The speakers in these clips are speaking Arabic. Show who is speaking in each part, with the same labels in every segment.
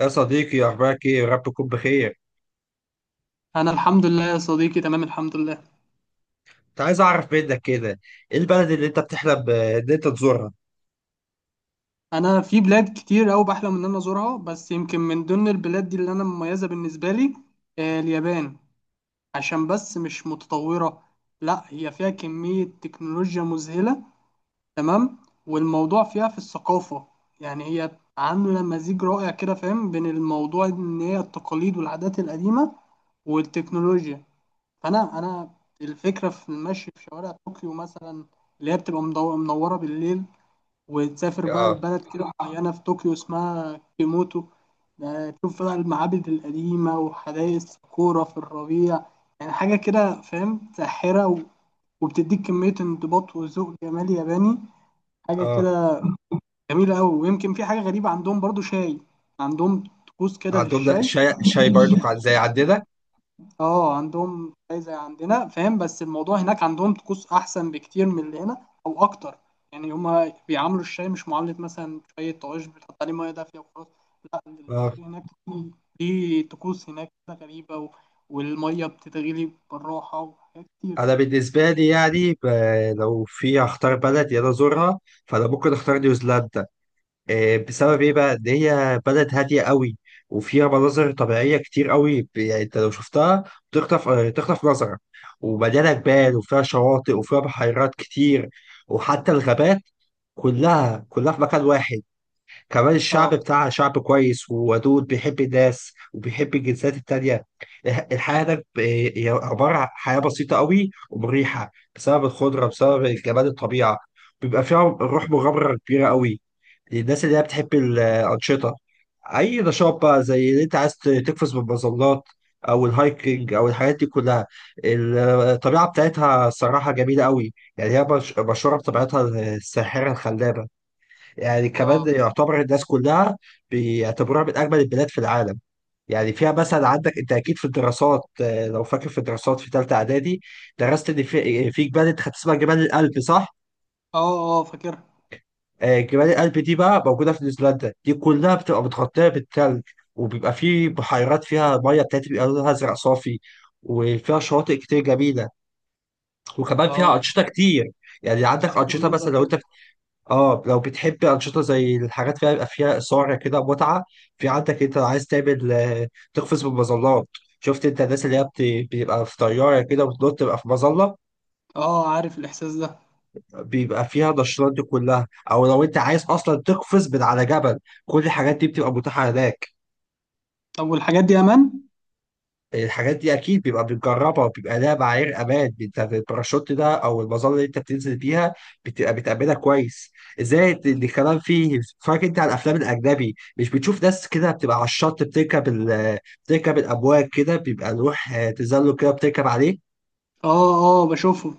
Speaker 1: يا صديقي أخبارك إيه؟ ربكم بخير.
Speaker 2: انا الحمد لله يا صديقي تمام الحمد لله.
Speaker 1: كنت عايز أعرف منك كده. إيه البلد اللي أنت بتحلم إن أنت تزورها؟
Speaker 2: انا في بلاد كتير أوي بحلم ان انا ازورها، بس يمكن من ضمن البلاد دي اللي انا مميزه بالنسبه لي اليابان. عشان بس مش متطوره، لا هي فيها كميه تكنولوجيا مذهله. تمام. والموضوع فيها في الثقافه، يعني هي عامله مزيج رائع كده فاهم بين الموضوع ان هي التقاليد والعادات القديمه والتكنولوجيا. فانا الفكره في المشي في شوارع طوكيو مثلا، اللي هي بتبقى منوره بالليل. وتسافر بقى
Speaker 1: آه.
Speaker 2: لبلد كده معينة في طوكيو اسمها كيموتو، ده تشوف بقى المعابد القديمة وحدائق الساكورا في الربيع. يعني حاجة كده فاهم ساحرة وبتديك كمية انضباط وذوق جمالي ياباني. حاجة
Speaker 1: آه،
Speaker 2: كده جميلة أوي. ويمكن في حاجة غريبة عندهم برضو شاي، عندهم طقوس كده
Speaker 1: عندهم ده
Speaker 2: للشاي.
Speaker 1: الشاي الشاي برضو زي عندنا؟
Speaker 2: اه عندهم زي عندنا فاهم، بس الموضوع هناك عندهم طقوس احسن بكتير من اللي هنا او اكتر. يعني هما بيعاملوا الشاي مش معلب مثلا، شاي طواجن بتحط عليه ميه دافيه وخلاص. لا،
Speaker 1: آه.
Speaker 2: الشاي هناك ليه ليه طقوس هناك كده غريبه والميه بتتغلي بالراحه وحاجات كتير
Speaker 1: أنا
Speaker 2: كده.
Speaker 1: بالنسبة لي، يعني لو في هختار بلد يلا أزورها. فأنا ممكن أختار نيوزيلندا. بسبب إيه بقى؟ إن هي بلد هادية قوي، وفيها مناظر طبيعية كتير قوي. يعني أنت لو شفتها بتخطف، تخطف نظرك. ومليانة جبال، وفيها شواطئ، وفيها بحيرات كتير، وحتى الغابات، كلها كلها في مكان واحد. كمان الشعب
Speaker 2: اه.
Speaker 1: بتاعها شعب كويس وودود، بيحب الناس وبيحب الجنسيات التانية. الحياة هناك، هي عبارة عن حياة بسيطة قوي ومريحة، بسبب الخضرة، بسبب جمال الطبيعة. بيبقى فيها روح مغامرة كبيرة قوي للناس اللي هي بتحب الأنشطة. أي نشاط بقى، زي اللي أنت عايز تقفز بالمظلات، أو الهايكنج، أو الحاجات دي كلها. الطبيعة بتاعتها صراحة جميلة قوي. يعني هي مشهورة بطبيعتها الساحرة الخلابة. يعني كمان،
Speaker 2: اه.
Speaker 1: يعتبر الناس كلها بيعتبروها من أجمل البلاد في العالم. يعني فيها مثلا، عندك أنت أكيد في الدراسات، لو فاكر في الدراسات في ثالثة إعدادي، درست إن في إيه، في جبال أنت خدت اسمها جبال الألب، صح؟
Speaker 2: اه. اه فاكرها.
Speaker 1: جبال الألب دي بقى موجودة في نيوزيلندا. دي كلها بتبقى متغطية بالثلج، وبيبقى في بحيرات فيها مية بتاعتي بيبقى لونها أزرق صافي. وفيها شواطئ كتير جميلة، وكمان فيها
Speaker 2: اه.
Speaker 1: أنشطة كتير. يعني عندك
Speaker 2: اكيد
Speaker 1: أنشطة،
Speaker 2: المنظر
Speaker 1: مثلا لو
Speaker 2: حلو.
Speaker 1: أنت، اه، لو بتحب انشطه زي الحاجات فيها، يبقى فيها اثاره كده، متعه. في عندك انت عايز تعمل، تقفز بالمظلات. شفت انت الناس اللي هي بيبقى في طياره كده وتنط، تبقى في مظله.
Speaker 2: اه عارف الاحساس ده.
Speaker 1: بيبقى فيها النشاطات دي كلها، او لو انت عايز اصلا تقفز من على جبل، كل الحاجات دي بتبقى متاحه هناك.
Speaker 2: طب والحاجات دي امان؟
Speaker 1: الحاجات دي اكيد بيبقى بتجربها وبيبقى لها معايير امان. انت في الباراشوت ده، او المظله اللي انت بتنزل بيها، بتبقى بتأمنها كويس. زائد ان الكلام فيه، فاكر انت على الافلام الاجنبي مش بتشوف ناس كده بتبقى على الشط بتركب بتركب الامواج كده؟ بيبقى لوح، تزلج كده بتركب عليه.
Speaker 2: اه. اه بشوفهم.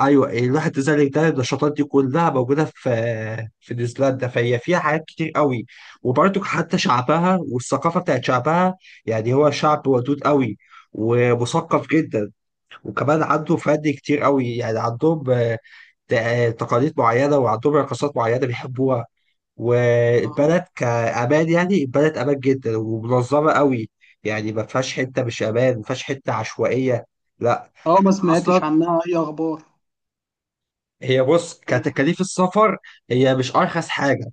Speaker 1: ايوه، اللوح التزلج ده، النشاطات دي كلها موجوده في، في نيوزيلندا. فهي فيها حاجات كتير قوي. وبرضك حتى شعبها والثقافه بتاعت شعبها، يعني هو شعب ودود قوي، ومثقف جدا. وكمان عنده فن كتير قوي. يعني عندهم، تقاليد معينة، وعندهم رقصات معينة بيحبوها.
Speaker 2: اه.
Speaker 1: والبلد كأمان، يعني البلد أمان جدا ومنظمة قوي. يعني ما فيهاش حتة مش أمان، ما فيهاش حتة عشوائية، لا
Speaker 2: اه ما
Speaker 1: أصلا.
Speaker 2: سمعتش عنها اي اخبار.
Speaker 1: هي بص، كتكاليف السفر هي مش أرخص حاجة.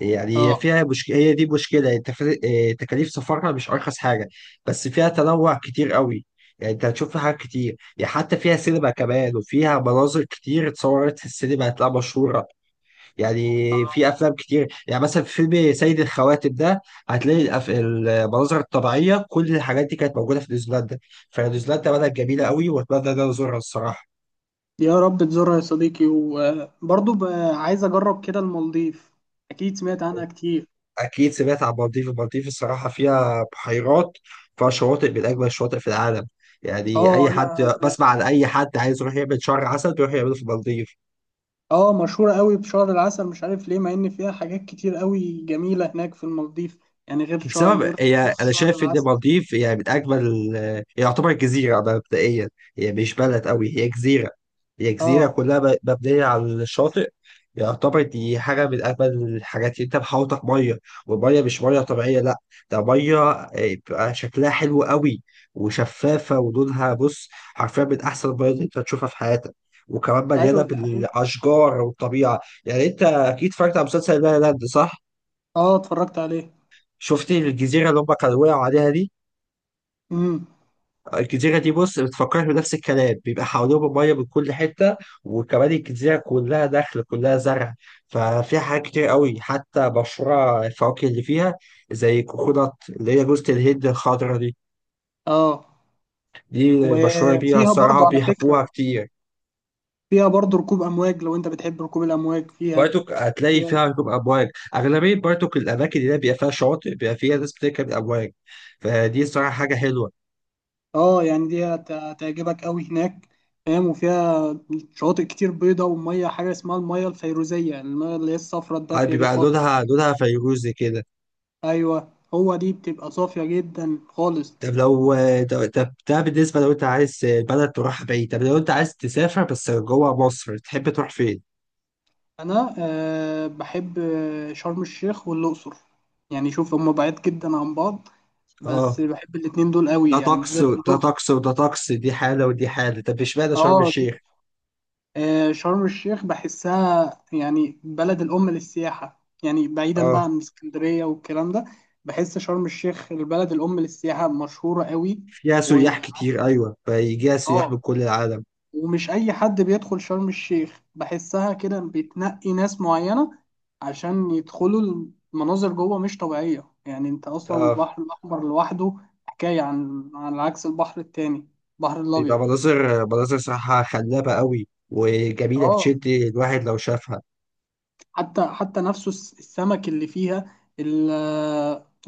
Speaker 1: يعني هي
Speaker 2: اه.
Speaker 1: فيها، هي دي مشكلة التف... آه، تكاليف سفرها مش أرخص حاجة. بس فيها تنوع كتير قوي. يعني أنت هتشوف فيها حاجات كتير. يعني حتى فيها سينما كمان، وفيها مناظر كتير اتصورت في السينما هتلاقيها مشهورة. يعني في أفلام كتير، يعني مثلا في فيلم سيد الخواتم ده هتلاقي المناظر الطبيعية، كل الحاجات دي كانت موجودة في نيوزيلندا. فنيوزيلندا بلد جميلة قوي، وأتمنى إن أنا أزورها الصراحة.
Speaker 2: يا رب تزورها يا صديقي، وبرضه بقى عايز اجرب كده المالديف، اكيد سمعت عنها كتير.
Speaker 1: اكيد سمعت عن المالديف. المالديف الصراحه فيها بحيرات، فيها شواطئ من اجمل الشواطئ في العالم. يعني
Speaker 2: اه
Speaker 1: اي حد
Speaker 2: انا.
Speaker 1: بسمع عن اي حد عايز يروح يعمل شهر عسل، بيروح يعمله في المالديف.
Speaker 2: اه مشهورة قوي بشهر العسل مش عارف ليه، مع ان فيها حاجات كتير قوي جميلة هناك في المالديف، يعني غير شهر
Speaker 1: بسبب
Speaker 2: غير
Speaker 1: هي،
Speaker 2: خصوص
Speaker 1: انا
Speaker 2: شهر
Speaker 1: شايف ان
Speaker 2: العسل.
Speaker 1: المالديف هي من اجمل. هي يعتبر جزيره، ده مبدئيا، هي مش بلد قوي، هي جزيره. هي جزيره
Speaker 2: اه.
Speaker 1: كلها مبنيه على الشاطئ. يعتبر دي حاجه من اجمل الحاجات، اللي انت محاوطك ميه. والميه مش ميه طبيعيه، لا، ده ميه، بيبقى شكلها حلو قوي، وشفافه، ولونها بص حرفيا من احسن الميه اللي انت هتشوفها في حياتك. وكمان مليانه
Speaker 2: ايوه دي حقيقة.
Speaker 1: بالاشجار والطبيعه. يعني انت اكيد اتفرجت على مسلسل لا لا لاند، صح؟
Speaker 2: اه اتفرجت عليه.
Speaker 1: شفت الجزيره اللي هم كانوا وقعوا عليها دي؟
Speaker 2: امم.
Speaker 1: الجزيرة دي، بص، بتفكرني بنفس الكلام. بيبقى حواليهم مية من كل حتة، وكمان الجزيرة كلها دخل كلها زرع. ففيها حاجات كتير قوي، حتى مشروع الفواكه اللي فيها، زي كوكونات اللي هي جوزة الهند الخضرا دي.
Speaker 2: اه.
Speaker 1: دي مشهورة بيها
Speaker 2: وفيها
Speaker 1: الصراحة،
Speaker 2: برضه على فكرة،
Speaker 1: بيحبوها كتير.
Speaker 2: فيها برضه ركوب امواج لو انت بتحب ركوب الامواج فيها.
Speaker 1: بارتوك هتلاقي فيها
Speaker 2: فيها.
Speaker 1: ركوب أمواج. أغلبية بارتوك الأماكن اللي هي بيبقى فيها شواطئ بيبقى فيها ناس بتركب أمواج. فدي الصراحة حاجة حلوة.
Speaker 2: اه يعني دي هتعجبك قوي هناك فاهم. وفيها شواطئ كتير بيضة ومية، حاجة اسمها المية الفيروزية، المية اللي هي الصفرة الدافية دي
Speaker 1: بيبقى
Speaker 2: خالص.
Speaker 1: لونها فيروزي كده.
Speaker 2: أيوة، هو دي بتبقى صافية جدا خالص.
Speaker 1: طب لو طب ده بالنسبة، لو انت عايز بلد تروح بعيد. طب لو انت عايز تسافر بس جوه مصر، تحب تروح فين؟
Speaker 2: أنا أه بحب شرم الشيخ والأقصر. يعني شوف هما بعيد جدا عن بعض،
Speaker 1: اه.
Speaker 2: بس بحب الاتنين دول
Speaker 1: ده
Speaker 2: قوي، يعني
Speaker 1: طقس،
Speaker 2: بالذات
Speaker 1: وده
Speaker 2: الأقصر.
Speaker 1: طقس، وده طقس، دي حالة، ودي حالة. طب اشمعنى شرم
Speaker 2: اه دي.
Speaker 1: الشيخ؟
Speaker 2: شرم الشيخ بحسها يعني بلد الأم للسياحة، يعني بعيدا بقى
Speaker 1: اه.
Speaker 2: عن اسكندرية والكلام ده. بحس شرم الشيخ البلد الأم للسياحة، مشهورة قوي
Speaker 1: فيها
Speaker 2: و...
Speaker 1: سياح كتير، ايوه، فيجيها سياح من
Speaker 2: آه
Speaker 1: كل العالم.
Speaker 2: ومش أي حد بيدخل شرم الشيخ، بحسها كده بتنقي ناس معينة عشان يدخلوا. المناظر جوه مش طبيعية، يعني أنت أصلا
Speaker 1: اه.
Speaker 2: البحر الأحمر لوحده حكاية، عن عكس البحر التاني، البحر
Speaker 1: بيبقى
Speaker 2: الأبيض.
Speaker 1: مناظر مناظر صراحة خلابة قوي وجميلة،
Speaker 2: آه
Speaker 1: بتشد الواحد لو شافها.
Speaker 2: حتى نفسه السمك اللي فيها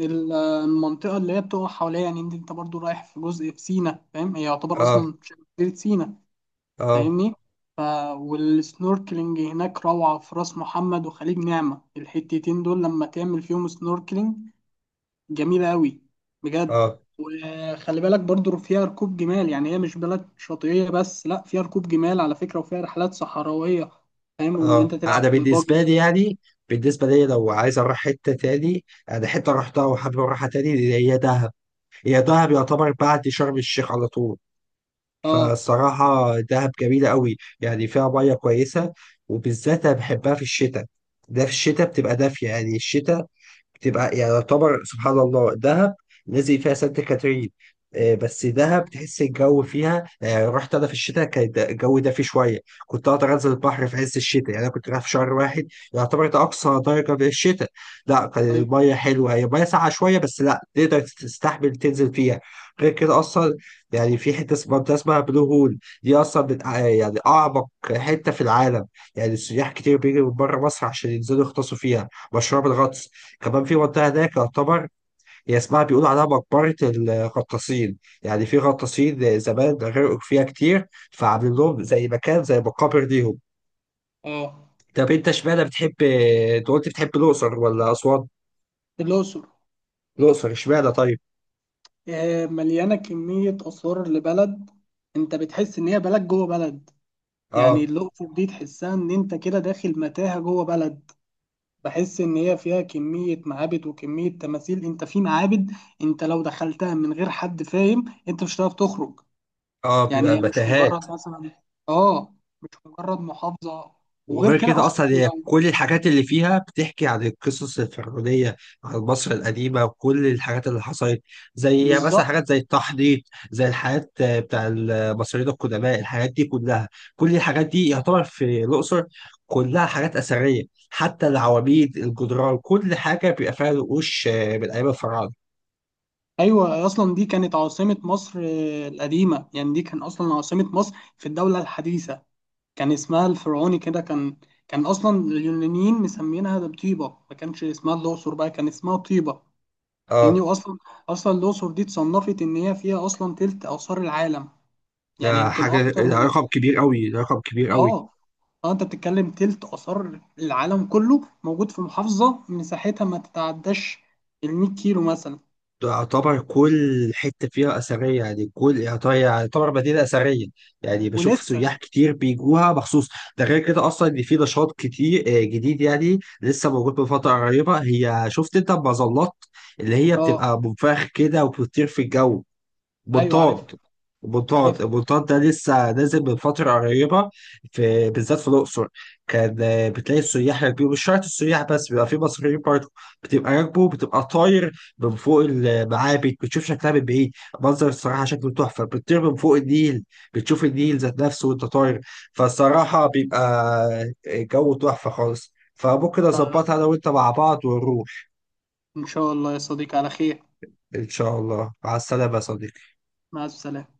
Speaker 2: المنطقة اللي هي بتقع حواليها. يعني انت برضو رايح في جزء في سينا فاهم، هي يعتبر
Speaker 1: اه،
Speaker 2: اصلا شبه جزيرة سينا.
Speaker 1: اه،
Speaker 2: فاهمني. ف... والسنوركلينج هناك روعة، في راس محمد وخليج نعمة الحتتين دول لما تعمل فيهم سنوركلينج، جميلة قوي، بجد.
Speaker 1: اه،
Speaker 2: وخلي بالك برضو فيها ركوب جمال. يعني هي مش بلد شاطئية بس، لا فيها ركوب جمال على فكرة، وفيها رحلات صحراوية فاهم، وان انت
Speaker 1: اه،
Speaker 2: تلعب
Speaker 1: انا
Speaker 2: بالباجي.
Speaker 1: بالنسبه لي، يعني بالنسبه لي لو عايز اروح حته تاني، انا حته رحتها وحابب اروحها تاني، هي دهب. يعتبر بعد شرم الشيخ على طول.
Speaker 2: اه.
Speaker 1: فالصراحه دهب جميله قوي، يعني فيها ميه كويسه. وبالذات انا بحبها في الشتاء. ده في الشتاء بتبقى دافيه. يعني الشتاء، تبقى، يعني يعتبر سبحان الله دهب، نزل فيها سانت كاترين. بس
Speaker 2: آه.
Speaker 1: دهب تحس الجو فيها. يعني رحت انا في الشتاء، كان الجو دافي شويه. كنت اقدر انزل البحر في عز الشتاء. يعني انا كنت رايح في شهر واحد، يعتبر ده اقصى درجه في الشتاء. لا، كان
Speaker 2: طيب.
Speaker 1: الميه حلوه، هي الميه ساقعه شويه، بس لا، تقدر تستحمل تنزل فيها. غير كده اصلا، يعني في حته اسمها، منطقة اسمها بلو هول، دي اصلا من، يعني اعمق حته في العالم. يعني السياح كتير بيجوا من بره مصر عشان ينزلوا يغطسوا فيها، مشروع بالغطس. كمان في منطقة هناك، يعتبر هي اسمها، بيقولوا عليها مقبرة الغطاسين. يعني في غطاسين زمان غرقوا فيها كتير، فعاملين لهم زي مكان، زي مقابر ليهم.
Speaker 2: اه.
Speaker 1: طب انت اشمعنى بتحب، انت قلت بتحب الأقصر ولا أسوان؟
Speaker 2: الأقصر.
Speaker 1: الأقصر اشمعنى طيب؟
Speaker 2: مليانة كمية آثار لبلد، أنت بتحس إن هي بلد جوه بلد. يعني
Speaker 1: اه.
Speaker 2: الأقصر دي تحسها إن أنت كده داخل متاهة جوه بلد. بحس إن هي فيها كمية معابد وكمية تماثيل، أنت في معابد أنت لو دخلتها من غير حد فاهم أنت مش هتعرف تخرج.
Speaker 1: اه، بيبقى
Speaker 2: يعني هي مش
Speaker 1: متاهات.
Speaker 2: مجرد مثلا آه مش مجرد محافظة. وغير
Speaker 1: وغير
Speaker 2: كده
Speaker 1: كده
Speaker 2: أصلا
Speaker 1: اصلا، هي
Speaker 2: لو.
Speaker 1: كل الحاجات اللي فيها بتحكي عن القصص الفرعونيه، عن مصر القديمه، وكل الحاجات اللي حصلت، زي مثلا
Speaker 2: بالظبط.
Speaker 1: حاجات زي التحنيط، زي الحاجات، بتاع المصريين القدماء، الحاجات دي كلها، كل الحاجات دي يعتبر في الاقصر كلها حاجات اثريه. حتى العواميد، الجدران، كل حاجه بيبقى فيها نقوش، من ايام الفراعنه.
Speaker 2: ايوه اصلا دي كانت عاصمه مصر القديمه، يعني دي كان اصلا عاصمه مصر في الدوله الحديثه. كان اسمها الفرعوني كده كان اصلا اليونانيين مسمينها ده بطيبه، ما كانش اسمها الاقصر بقى، كان اسمها طيبه. يعني
Speaker 1: اه،
Speaker 2: واصلا اصلا الاقصر دي اتصنفت ان هي فيها اصلا تلت اثار العالم. يعني
Speaker 1: ده
Speaker 2: يمكن
Speaker 1: حاجه،
Speaker 2: اكتر
Speaker 1: ده
Speaker 2: من.
Speaker 1: رقم كبير قوي، ده رقم كبير قوي.
Speaker 2: اه. اه انت بتتكلم تلت اثار العالم كله موجود في محافظه مساحتها ما تتعداش ال 100 كيلو مثلا.
Speaker 1: تعتبر كل حتة فيها أثرية. يعني كل، يعتبر مدينة أثرية. يعني بشوف
Speaker 2: ولسه.
Speaker 1: سياح كتير بيجوها مخصوص. ده غير كده، أصلا إن في نشاط كتير، جديد، يعني لسه موجود من فترة قريبة. هي شفت أنت المظلات اللي هي
Speaker 2: اه.
Speaker 1: بتبقى منفخ كده وبتطير في الجو،
Speaker 2: ايوه عارف.
Speaker 1: بطاط بطاط.
Speaker 2: عارف.
Speaker 1: البطاط ده لسه نازل من فترة قريبة، في بالذات في الأقصر. كان، بتلاقي السياح راكبين، مش شرط السياح بس، بيبقى في مصريين برضه، بتبقى راكبه، بتبقى طاير من فوق المعابد. بتشوف شكلها من بعيد، منظر الصراحة شكله تحفة. بتطير من فوق النيل، بتشوف النيل ذات نفسه وأنت طاير. فالصراحة بيبقى جو تحفة خالص. فممكن أظبطها أنا وأنت مع بعض ونروح.
Speaker 2: إن شاء الله يا صديقي على خير.
Speaker 1: إن شاء الله، مع السلامة يا صديقي.
Speaker 2: مع السلامة.